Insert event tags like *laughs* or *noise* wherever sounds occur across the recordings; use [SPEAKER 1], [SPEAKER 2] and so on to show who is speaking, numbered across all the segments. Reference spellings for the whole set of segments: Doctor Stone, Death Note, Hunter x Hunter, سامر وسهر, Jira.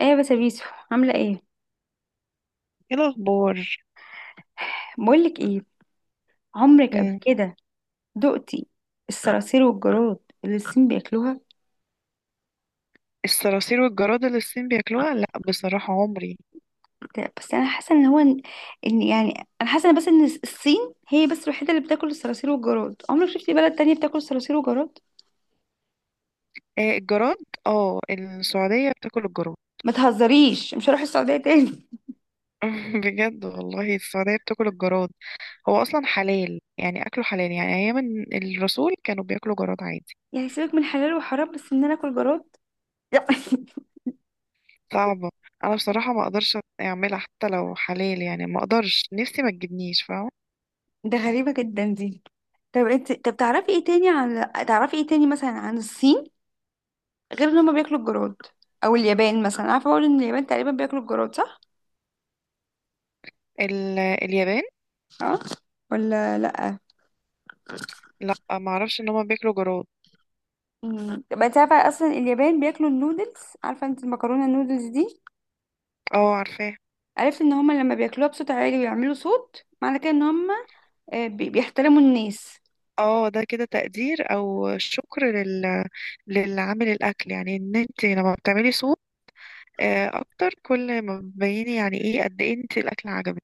[SPEAKER 1] ايه بس يا بيسو، عامله ايه؟
[SPEAKER 2] ايه الاخبار؟
[SPEAKER 1] بقولك ايه، عمرك قبل
[SPEAKER 2] أمم،
[SPEAKER 1] كده دقتي الصراصير والجراد اللي الصين بياكلوها؟
[SPEAKER 2] الصراصير والجراد اللي الصين بياكلوها، لا بصراحة عمري.
[SPEAKER 1] بس انا حاسه ان هو ان إن يعني انا حاسه إن بس ان الصين هي بس الوحيده اللي بتاكل الصراصير والجراد. عمرك شفتي بلد تانية بتاكل الصراصير والجراد؟
[SPEAKER 2] آه، الجراد. اه، السعودية بتاكل الجراد.
[SPEAKER 1] ما تهزريش، مش هروح السعوديه تاني.
[SPEAKER 2] *laughs* بجد والله السعودية بتاكل الجراد. هو اصلا حلال، يعني اكله حلال، يعني ايام الرسول كانوا بياكلوا جراد عادي.
[SPEAKER 1] *laughs* يعني سيبك من حلال وحرام، بس ان انا اكل جراد؟ لا.
[SPEAKER 2] صعبة. انا بصراحة ما اقدرش اعملها حتى لو حلال، يعني ما اقدرش، نفسي ما تجيبنيش، فاهمة؟
[SPEAKER 1] *laughs* ده غريبه جدا دي. طب انت، طب تعرفي ايه تاني عن تعرفي ايه تاني مثلا عن الصين غير ان هما بياكلوا الجراد؟ او اليابان مثلا، عارفه اقول ان اليابان تقريبا بياكلوا الجراد، صح؟
[SPEAKER 2] اليابان،
[SPEAKER 1] اه، ولا لا؟
[SPEAKER 2] لا ما اعرفش ان هم بياكلوا جراد.
[SPEAKER 1] يبقى انت عارفه اصلا اليابان بياكلوا النودلز، عارفه انت المكرونه النودلز دي؟
[SPEAKER 2] اه عارفاها.
[SPEAKER 1] عرفت ان هما لما بياكلوها بصوت عالي ويعملوا صوت معنى كده ان هما بيحترموا الناس.
[SPEAKER 2] اه ده كده تقدير او شكر للعامل الاكل، يعني ان انت لما بتعملي صوت اكتر كل ما بتبيني، يعني ايه قد ايه انت الاكل عجبك.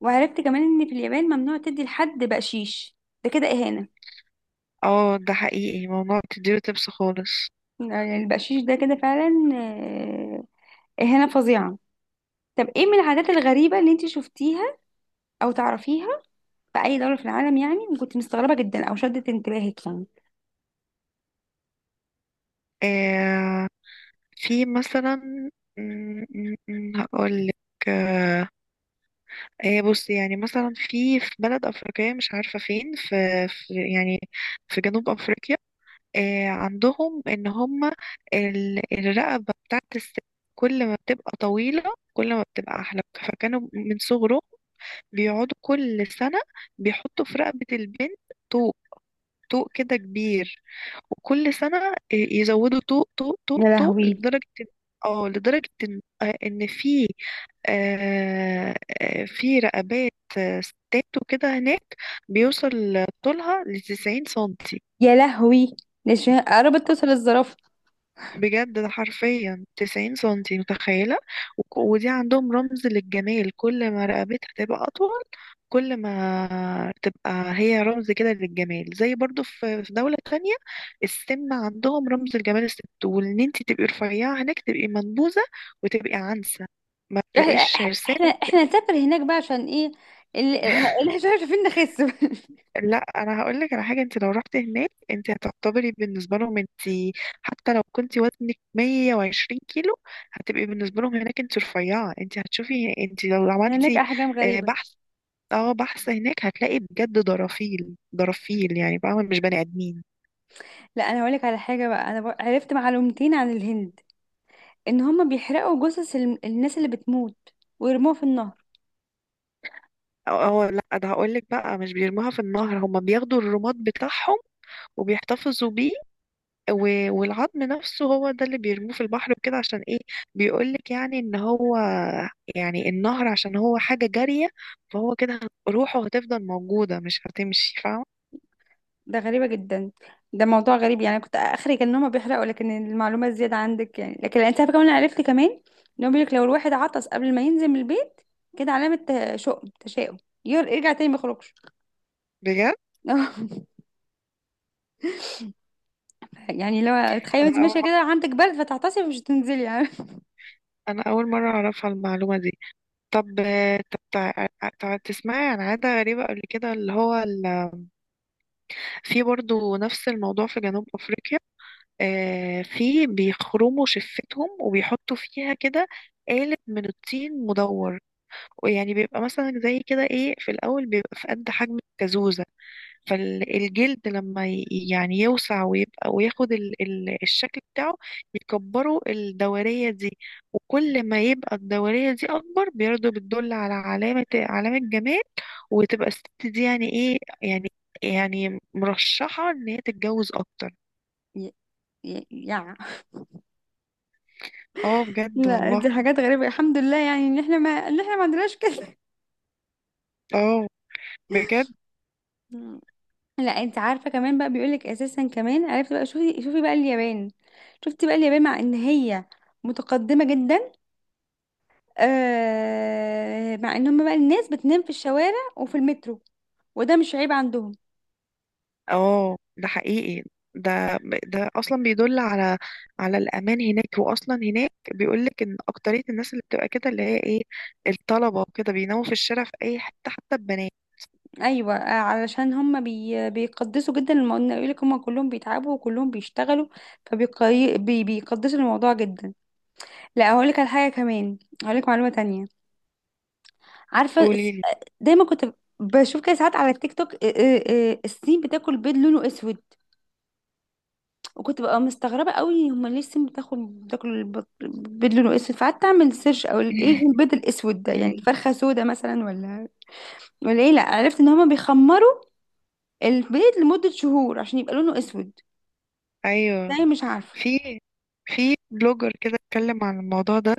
[SPEAKER 1] وعرفت كمان ان في اليابان ممنوع تدي لحد بقشيش، ده كده اهانه.
[SPEAKER 2] اه ده حقيقي، موضوع بتديله تبس خالص.
[SPEAKER 1] يعني البقشيش ده كده فعلا اهانه فظيعه. طب ايه من العادات الغريبه اللي انت شفتيها او تعرفيها في اي دوله في العالم يعني، وكنت مستغربه جدا او شدت انتباهك يعني؟
[SPEAKER 2] آه في مثلا هقولك. آه بصي، يعني مثلا في بلد افريقيه، مش عارفه فين، في يعني، في جنوب افريقيا. عندهم ان هم الرقبة بتاعت الست، كل ما بتبقى طويلة كل ما بتبقى احلى، فكانوا من صغره بيقعدوا كل سنة بيحطوا في رقبة البنت طوق، طوق كده كبير، وكل سنة يزودوا طوق طوق
[SPEAKER 1] يا
[SPEAKER 2] طوق طوق
[SPEAKER 1] لهوي،
[SPEAKER 2] لدرجة اه، لدرجة ان إن في آه، في رقبات ستات وكده هناك بيوصل طولها لتسعين سنتي.
[SPEAKER 1] يا لهوي، ده قربت توصل الزرافه.
[SPEAKER 2] بجد ده حرفيا 90 سنتي، متخيلة؟ ودي عندهم رمز للجمال، كل ما رقبتها تبقى أطول كل ما تبقى هي رمز كده للجمال. زي برضو في دولة تانية، السمنة عندهم رمز الجمال الست، وإن انتي تبقي رفيعة هناك تبقي منبوذة وتبقي عنسة، ما
[SPEAKER 1] احنا
[SPEAKER 2] تلاقيش عرسان.
[SPEAKER 1] احنا احنا نسافر هناك بقى عشان ايه؟ اللي احنا شايفين نخس. *laughs*
[SPEAKER 2] لا انا هقول لك على حاجه، انت لو رحت هناك انت هتعتبري بالنسبه لهم، انت حتى لو كنت وزنك 120 كيلو هتبقي بالنسبه لهم هناك انت رفيعه، انت هتشوفي انت لو
[SPEAKER 1] هناك
[SPEAKER 2] عملتي
[SPEAKER 1] احجام غريبه.
[SPEAKER 2] بحث. اه بحث هناك هتلاقي بجد درافيل درافيل، يعني فاهمه، مش بني ادمين.
[SPEAKER 1] لا، انا هقولك على حاجه بقى، انا عرفت معلومتين عن الهند. ان هم بيحرقوا جثث الناس اللي بتموت ويرموها في النهر.
[SPEAKER 2] اه لا ده هقول لك بقى، مش بيرموها في النهر، هم بياخدوا الرماد بتاعهم وبيحتفظوا بيه، والعظم نفسه هو ده اللي بيرموه في البحر وكده. عشان ايه؟ بيقولك يعني ان هو، يعني النهر عشان هو حاجة جارية، فهو كده روحه هتفضل موجودة مش هتمشي، فاهمة؟
[SPEAKER 1] ده غريبة جدا، ده موضوع غريب. يعني أنا كنت اخري كان إن هما بيحرقوا، لكن المعلومة الزيادة عندك يعني. لكن انت عارفة كمان، أنا عرفت كمان ان هو بيقولك لو الواحد عطس قبل ما ينزل من البيت، كده علامة شؤم، تشاؤم، يرجع تاني ما يخرجش.
[SPEAKER 2] بجد،
[SPEAKER 1] *laughs* يعني لو تخيل
[SPEAKER 2] انا
[SPEAKER 1] انت
[SPEAKER 2] اول
[SPEAKER 1] ماشية كده
[SPEAKER 2] مرة
[SPEAKER 1] عندك برد فتعطسي، مش هتنزلي يعني.
[SPEAKER 2] انا اول مرة اعرفها المعلومة دي. طب طب تسمعي عن عادة غريبة قبل كده؟ في برضو نفس الموضوع في جنوب افريقيا، في بيخرموا شفتهم وبيحطوا فيها كده آلة من الطين مدور، ويعني بيبقى مثلا زي كده ايه، في الاول بيبقى في قد حجم الكازوزة، فالجلد لما يعني يوسع ويبقى وياخد ال ال الشكل بتاعه، يكبروا الدورية دي. وكل ما يبقى الدورية دي أكبر برضه بتدل على علامة، علامة جمال، وتبقى الست دي يعني ايه يعني، يعني مرشحة إن هي تتجوز أكتر.
[SPEAKER 1] *laughs* ي- ي- يع
[SPEAKER 2] اه بجد
[SPEAKER 1] لا،
[SPEAKER 2] والله.
[SPEAKER 1] دي حاجات غريبة، الحمد لله يعني ان احنا ما عندناش كده.
[SPEAKER 2] اه بجد.
[SPEAKER 1] لا، انت عارفه كمان بقى بيقولك، اساسا كمان عرفت بقى. شوفي بقى اليابان، شفتي بقى اليابان، مع ان هي متقدمه جدا. آه، مع ان هم بقى الناس بتنام في الشوارع وفي المترو، وده مش عيب عندهم.
[SPEAKER 2] اه ده حقيقي، ده ده اصلا بيدل على الامان هناك، واصلا هناك بيقول لك ان اكتريه الناس اللي بتبقى كده اللي هي ايه، الطلبه وكده بيناموا في الشارع في اي حته، حتى البنات.
[SPEAKER 1] ايوه، علشان هم بيقدسوا جدا الموضوع، يقول لك هم كلهم بيتعبوا وكلهم بيشتغلوا، فبيقدسوا الموضوع جدا. لا، هقول لك على حاجه كمان، هقول لك معلومه تانية. عارفه
[SPEAKER 2] قولي لي.
[SPEAKER 1] دايما كنت بشوف كده ساعات على التيك توك، الصين بتاكل بيض لونه اسود. وكنت بقى مستغربة قوي، هما ليه السم بتاخد؟ بتاكل البيض لونه اسود، فقعدت اعمل سيرش او ايه
[SPEAKER 2] *laughs*
[SPEAKER 1] البيض الاسود ده، يعني
[SPEAKER 2] مم.
[SPEAKER 1] فرخة سودا مثلا، ولا ولا ايه؟ لا، عرفت ان هما بيخمروا البيض لمدة شهور عشان يبقى لونه اسود،
[SPEAKER 2] ايوه،
[SPEAKER 1] ازاي مش عارفة.
[SPEAKER 2] في في بلوجر كده اتكلم عن الموضوع ده،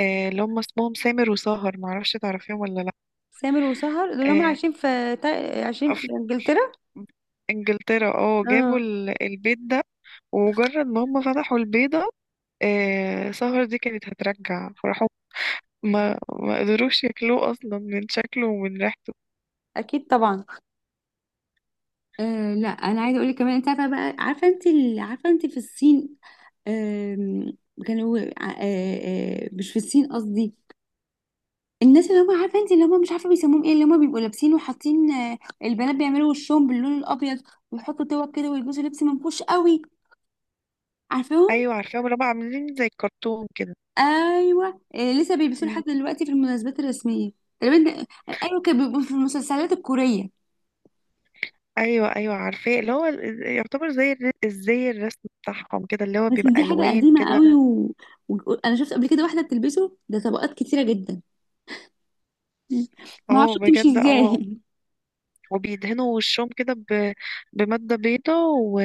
[SPEAKER 2] اللي هم اسمهم سامر وسهر، معرفش تعرفيهم ولا لا.
[SPEAKER 1] سامر وسهر دول هما
[SPEAKER 2] آه،
[SPEAKER 1] عايشين في عايشين
[SPEAKER 2] ف-
[SPEAKER 1] في
[SPEAKER 2] ف-
[SPEAKER 1] انجلترا.
[SPEAKER 2] انجلترا، اه جابوا
[SPEAKER 1] اه،
[SPEAKER 2] البيت ده، ومجرد ما هم فتحوا البيضة سهر دي كانت هترجع، فراحوا، ما قدروش ياكلوه اصلا من شكله ومن ريحته.
[SPEAKER 1] اكيد طبعا. آه، لا انا عايزه اقول لك كمان، انت عارفه بقى، عارفه انت عارفه انت في الصين، آم، كانوا آه مش في الصين قصدي، الناس اللي هم، عارفه انت اللي هم، مش عارفه بيسموهم ايه، اللي هم بيبقوا لابسين وحاطين البنات بيعملوا وشهم باللون الابيض ويحطوا توك كده ويلبسوا لبس منفوش قوي، عارفاهم؟
[SPEAKER 2] ايوه عارفاهم، اللي هم عاملين زي الكرتون كده.
[SPEAKER 1] ايوه، لسه بيلبسوه لحد
[SPEAKER 2] مم.
[SPEAKER 1] دلوقتي في المناسبات الرسميه تقريبا. ايوه، كانوا بيبقوا في المسلسلات الكوريه.
[SPEAKER 2] ايوه، ايوه عارفاه، اللي هو يعتبر زي زي الرسم بتاعهم كده، اللي هو
[SPEAKER 1] بس
[SPEAKER 2] بيبقى
[SPEAKER 1] دي حاجه
[SPEAKER 2] الوان
[SPEAKER 1] قديمه
[SPEAKER 2] كده.
[SPEAKER 1] قوي انا شفت قبل كده واحده بتلبسه، ده طبقات كتيره جدا، ما
[SPEAKER 2] اه
[SPEAKER 1] اعرفش بتمشي
[SPEAKER 2] بجد اه.
[SPEAKER 1] ازاي.
[SPEAKER 2] وبيدهنوا وشهم كده بمادة بيضة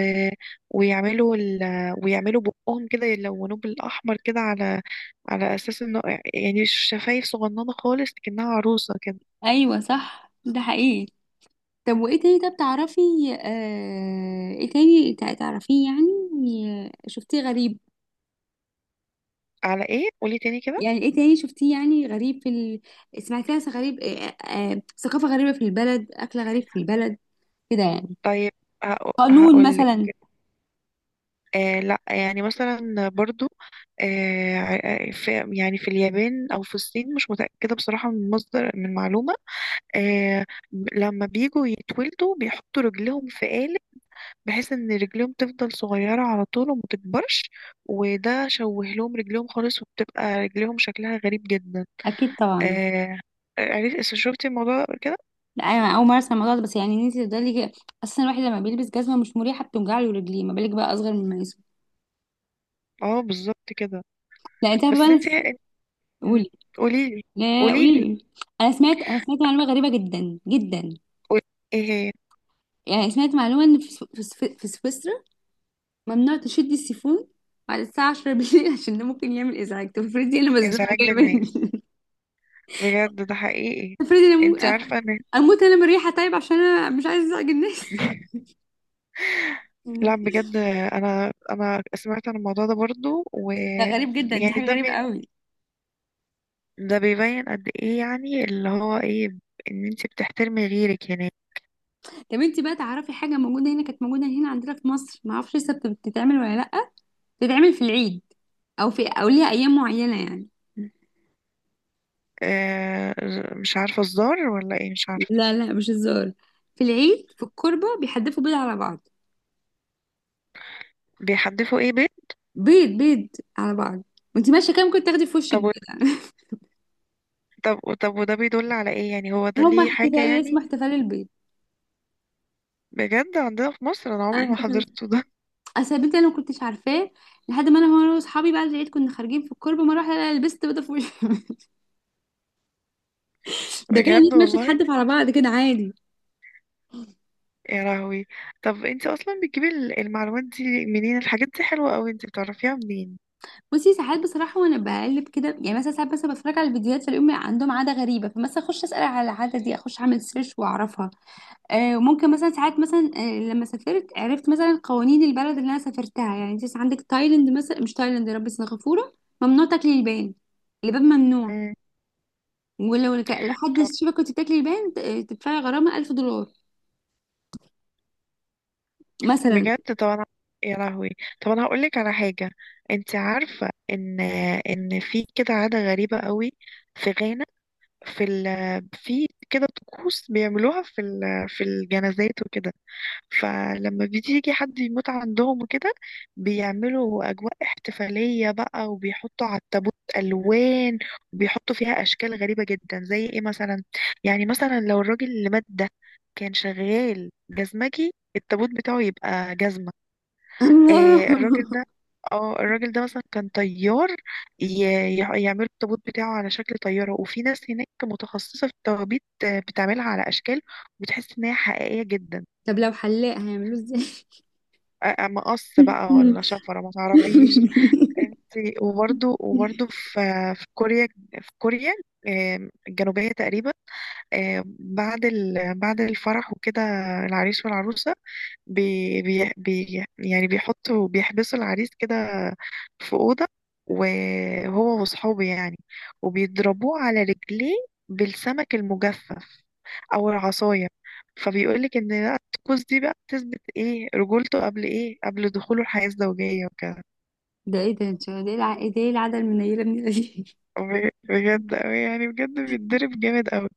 [SPEAKER 2] ويعملوا ويعملوا بقهم كده يلونوه بالاحمر، كده على على اساس انه يعني شفايف صغننة خالص كأنها عروسة كده.
[SPEAKER 1] *laughs* ايوه صح، ده حقيقي. طب وايه تاني، طب تعرفي ايه تاني تعرفيه يعني، شفتيه غريب؟
[SPEAKER 2] على ايه؟ قولي تاني كده.
[SPEAKER 1] يعني ايه تاني شفتيه يعني غريب في سمعتيها، غريب ثقافة غريبة في البلد، أكل غريب في البلد، كده يعني،
[SPEAKER 2] طيب.
[SPEAKER 1] قانون
[SPEAKER 2] هقول لك.
[SPEAKER 1] مثلا.
[SPEAKER 2] آه لا يعني مثلا برضو في، يعني في اليابان او في الصين مش متأكدة بصراحة، من مصدر من معلومة، آه، لما بيجوا يتولدوا بيحطوا رجلهم في قالب بحيث ان رجلهم تفضل صغيرة على طول وما تكبرش، وده شوه لهم رجلهم خالص وبتبقى رجلهم شكلها غريب جدا.
[SPEAKER 1] أكيد طبعا.
[SPEAKER 2] آه. عرفت؟ شفتي الموضوع ده قبل كده؟
[SPEAKER 1] لا، أنا أول مرة أسمع الموضوع ده، بس يعني إن أنت تفضلي كده أساسا، الواحد لما بيلبس جزمة مش مريحة بتوجع له رجليه، ما بالك بقى أصغر من اسمه.
[SPEAKER 2] اه بالظبط كده.
[SPEAKER 1] لا، أنت عارفة بقى،
[SPEAKER 2] بس
[SPEAKER 1] أنا
[SPEAKER 2] انت.
[SPEAKER 1] قولي.
[SPEAKER 2] قولي لي.
[SPEAKER 1] لا،
[SPEAKER 2] قولي
[SPEAKER 1] قولي
[SPEAKER 2] لي.
[SPEAKER 1] لي. أنا سمعت معلومة غريبة جدا جدا.
[SPEAKER 2] قول. ايه هي؟
[SPEAKER 1] يعني سمعت معلومة إن في سويسرا ممنوع تشدي السيفون بعد الساعة 10 بالليل. *laughs* عشان ده ممكن يعمل إزعاج. طب افرضي أنا مزنوقة،
[SPEAKER 2] ازعاج
[SPEAKER 1] جاية
[SPEAKER 2] للناس.
[SPEAKER 1] مني. *laughs*
[SPEAKER 2] بجد ده حقيقي.
[SPEAKER 1] افرضي أنا
[SPEAKER 2] انت عارفه ان.
[SPEAKER 1] أموت أنا من الريحة، طيب عشان أنا مش عايزة أزعج الناس.
[SPEAKER 2] لا
[SPEAKER 1] *laughs*
[SPEAKER 2] بجد، انا سمعت عن الموضوع ده برضو،
[SPEAKER 1] ده غريب جدا، دي
[SPEAKER 2] ويعني
[SPEAKER 1] حاجة غريبة قوي.
[SPEAKER 2] ده بيبين قد ايه يعني، اللي هو ايه، ان انت بتحترمي غيرك يعني.
[SPEAKER 1] طب انت بقى تعرفي حاجة موجودة هنا، كانت موجودة هنا عندنا في مصر، ما اعرفش لسه بتتعمل ولا لأ. بتتعمل في العيد أو في، أو ليها أيام معينة يعني.
[SPEAKER 2] آه مش عارفه، الزار ولا ايه مش عارفه.
[SPEAKER 1] لا لا، مش هزار. في العيد في الكربة بيحدفوا بيض على بعض.
[SPEAKER 2] بيحدفوا ايه؟ بيت؟
[SPEAKER 1] بيض، بيض على بعض. وانت ماشية كام كنت تاخدي في وشك
[SPEAKER 2] طب و-
[SPEAKER 1] بيض.
[SPEAKER 2] طب وده بيدل على ايه يعني؟ هو ده
[SPEAKER 1] هما
[SPEAKER 2] ليه حاجه
[SPEAKER 1] احتفال اسمه
[SPEAKER 2] يعني؟
[SPEAKER 1] احتفال البيض.
[SPEAKER 2] بجد عندنا في مصر؟ انا عمري ما
[SPEAKER 1] أنا-
[SPEAKER 2] حضرته ده.
[SPEAKER 1] اصل البيض ده انا ما كنتش عارفاه لحد ما انا واصحابي بعد العيد كنا خارجين في الكوربه، ما اروح ألاقي لبست بيضه في وشي. *laughs*
[SPEAKER 2] *laughs*
[SPEAKER 1] ده كده
[SPEAKER 2] بجد
[SPEAKER 1] الناس ماشيه
[SPEAKER 2] والله.
[SPEAKER 1] تحدف على بعض كده عادي.
[SPEAKER 2] يا لهوي. طب انت اصلا بتجيبي المعلومات دي منين؟ الحاجات دي حلوة قوي، انت بتعرفيها منين؟
[SPEAKER 1] بصي، ساعات بصراحه وانا بقلب كده يعني، مثلا ساعات مثلا بتفرج على الفيديوهات فاليوم عندهم عاده غريبه، فمثلا اخش اسال على العاده دي، اخش اعمل سيرش واعرفها. آه، وممكن مثلا ساعات مثلا لما سافرت عرفت مثلا قوانين البلد اللي انا سافرتها يعني. انت عندك تايلاند مثلا، مش تايلاند، يا رب، سنغافوره ممنوع تاكلي لبان، لبان ممنوع.
[SPEAKER 2] مم.
[SPEAKER 1] ولو لحد
[SPEAKER 2] طب
[SPEAKER 1] الشبكة كنت بتاكلي البان تدفعي غرامة 1000 دولار مثلا.
[SPEAKER 2] بجد. طب انا. يا لهوي. طب انا هقول لك على حاجة. انت عارفة ان ان في كده عادة غريبة قوي في غانا، في ال... في كده طقوس بيعملوها في الجنازات وكده. فلما بيجي حد يموت عندهم وكده بيعملوا أجواء احتفالية بقى، وبيحطوا على التابوت ألوان، وبيحطوا فيها أشكال غريبة جدا زي إيه مثلا. يعني مثلا لو الراجل اللي مات ده كان شغال جزمجي، التابوت بتاعه يبقى جزمة.
[SPEAKER 1] الله.
[SPEAKER 2] آه الراجل
[SPEAKER 1] *laughs*
[SPEAKER 2] ده، اه الراجل ده مثلا كان طيار، يعملوا التابوت بتاعه على شكل طيارة. وفي ناس هناك متخصصة في التوابيت بتعملها على أشكال، وبتحس إن هي حقيقية جدا.
[SPEAKER 1] طب لو حلاق هيعملوه ازاي؟
[SPEAKER 2] مقص بقى،
[SPEAKER 1] مم.
[SPEAKER 2] ولا شفرة ما تعرفيش.
[SPEAKER 1] *laughs*
[SPEAKER 2] انت، وبرضو في في كوريا، في كوريا، الجنوبية تقريبا، بعد بعد الفرح وكده، العريس والعروسة يعني بيحطوا، بيحبسوا العريس كده في أوضة، وهو وصحابه يعني، وبيضربوه على رجليه بالسمك المجفف أو العصاية. فبيقولك إن لا، الطقوس دي بقى بتثبت إيه، رجولته قبل إيه، قبل دخوله الحياة الزوجية وكده.
[SPEAKER 1] ده ايه ده انت، ده ايه العاده المنيله من دي؟
[SPEAKER 2] بجد أوي يعني، بجد بيتضرب جامد أوي.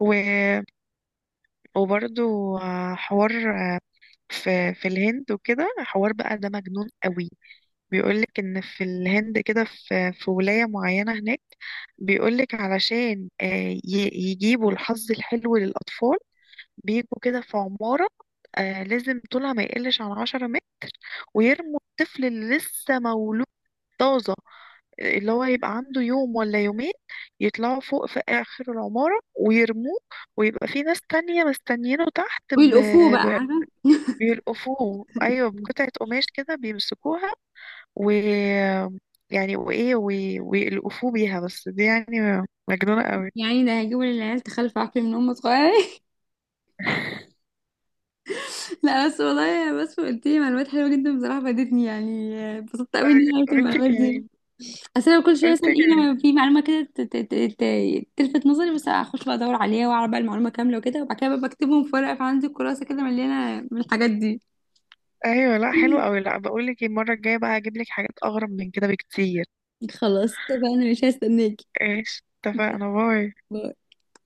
[SPEAKER 2] و... وبرده حوار في الهند وكده، حوار بقى ده مجنون أوي. بيقولك إن في الهند كده، في ولاية معينة هناك بيقولك علشان ي- يجيبوا الحظ الحلو للأطفال، بيجوا كده في عمارة، لازم طولها ما يقلش عن 10 متر، ويرموا الطفل اللي لسه مولود طازة، اللي هو يبقى عنده يوم ولا يومين، يطلعوا فوق في آخر العمارة ويرموه، ويبقى في ناس تانية مستنيينه تحت
[SPEAKER 1] *laughs* والافو بقى
[SPEAKER 2] ب...
[SPEAKER 1] عارفه.
[SPEAKER 2] بيلقفوه. أيوة بقطعة قماش كده بيمسكوها و، يعني وإيه ويلقفوه بيها، بس دي يعني مجنونة قوي.
[SPEAKER 1] يعني ده هيجيبوا للعيال تخلف عقل من هم صغيرين. *laughs* لا بس والله، بس قلت لي معلومات حلوه جدا بصراحه، فادتني يعني، اتبسطت قوي اني
[SPEAKER 2] أه،
[SPEAKER 1] عرفت
[SPEAKER 2] وانت
[SPEAKER 1] المعلومات دي.
[SPEAKER 2] كمان
[SPEAKER 1] اصل أنا كل شويه
[SPEAKER 2] وانت
[SPEAKER 1] مثلا ايه،
[SPEAKER 2] كمان
[SPEAKER 1] لما في معلومه كده تلفت نظري، بس اخش بقى ادور عليها واعرف بقى المعلومه كامله وكده، وبعد كده بقى بكتبهم في ورقه، فعندي كراسه كده مليانه من الحاجات دي.
[SPEAKER 2] أيوة، لا حلو قوي.
[SPEAKER 1] *laughs*
[SPEAKER 2] لا بقولك المرة الجاية بقى هجيبلك حاجات أغرب من كده بكتير.
[SPEAKER 1] خلاص كده بقى، انا مش هستناكي.
[SPEAKER 2] ايش اتفقنا؟ باي.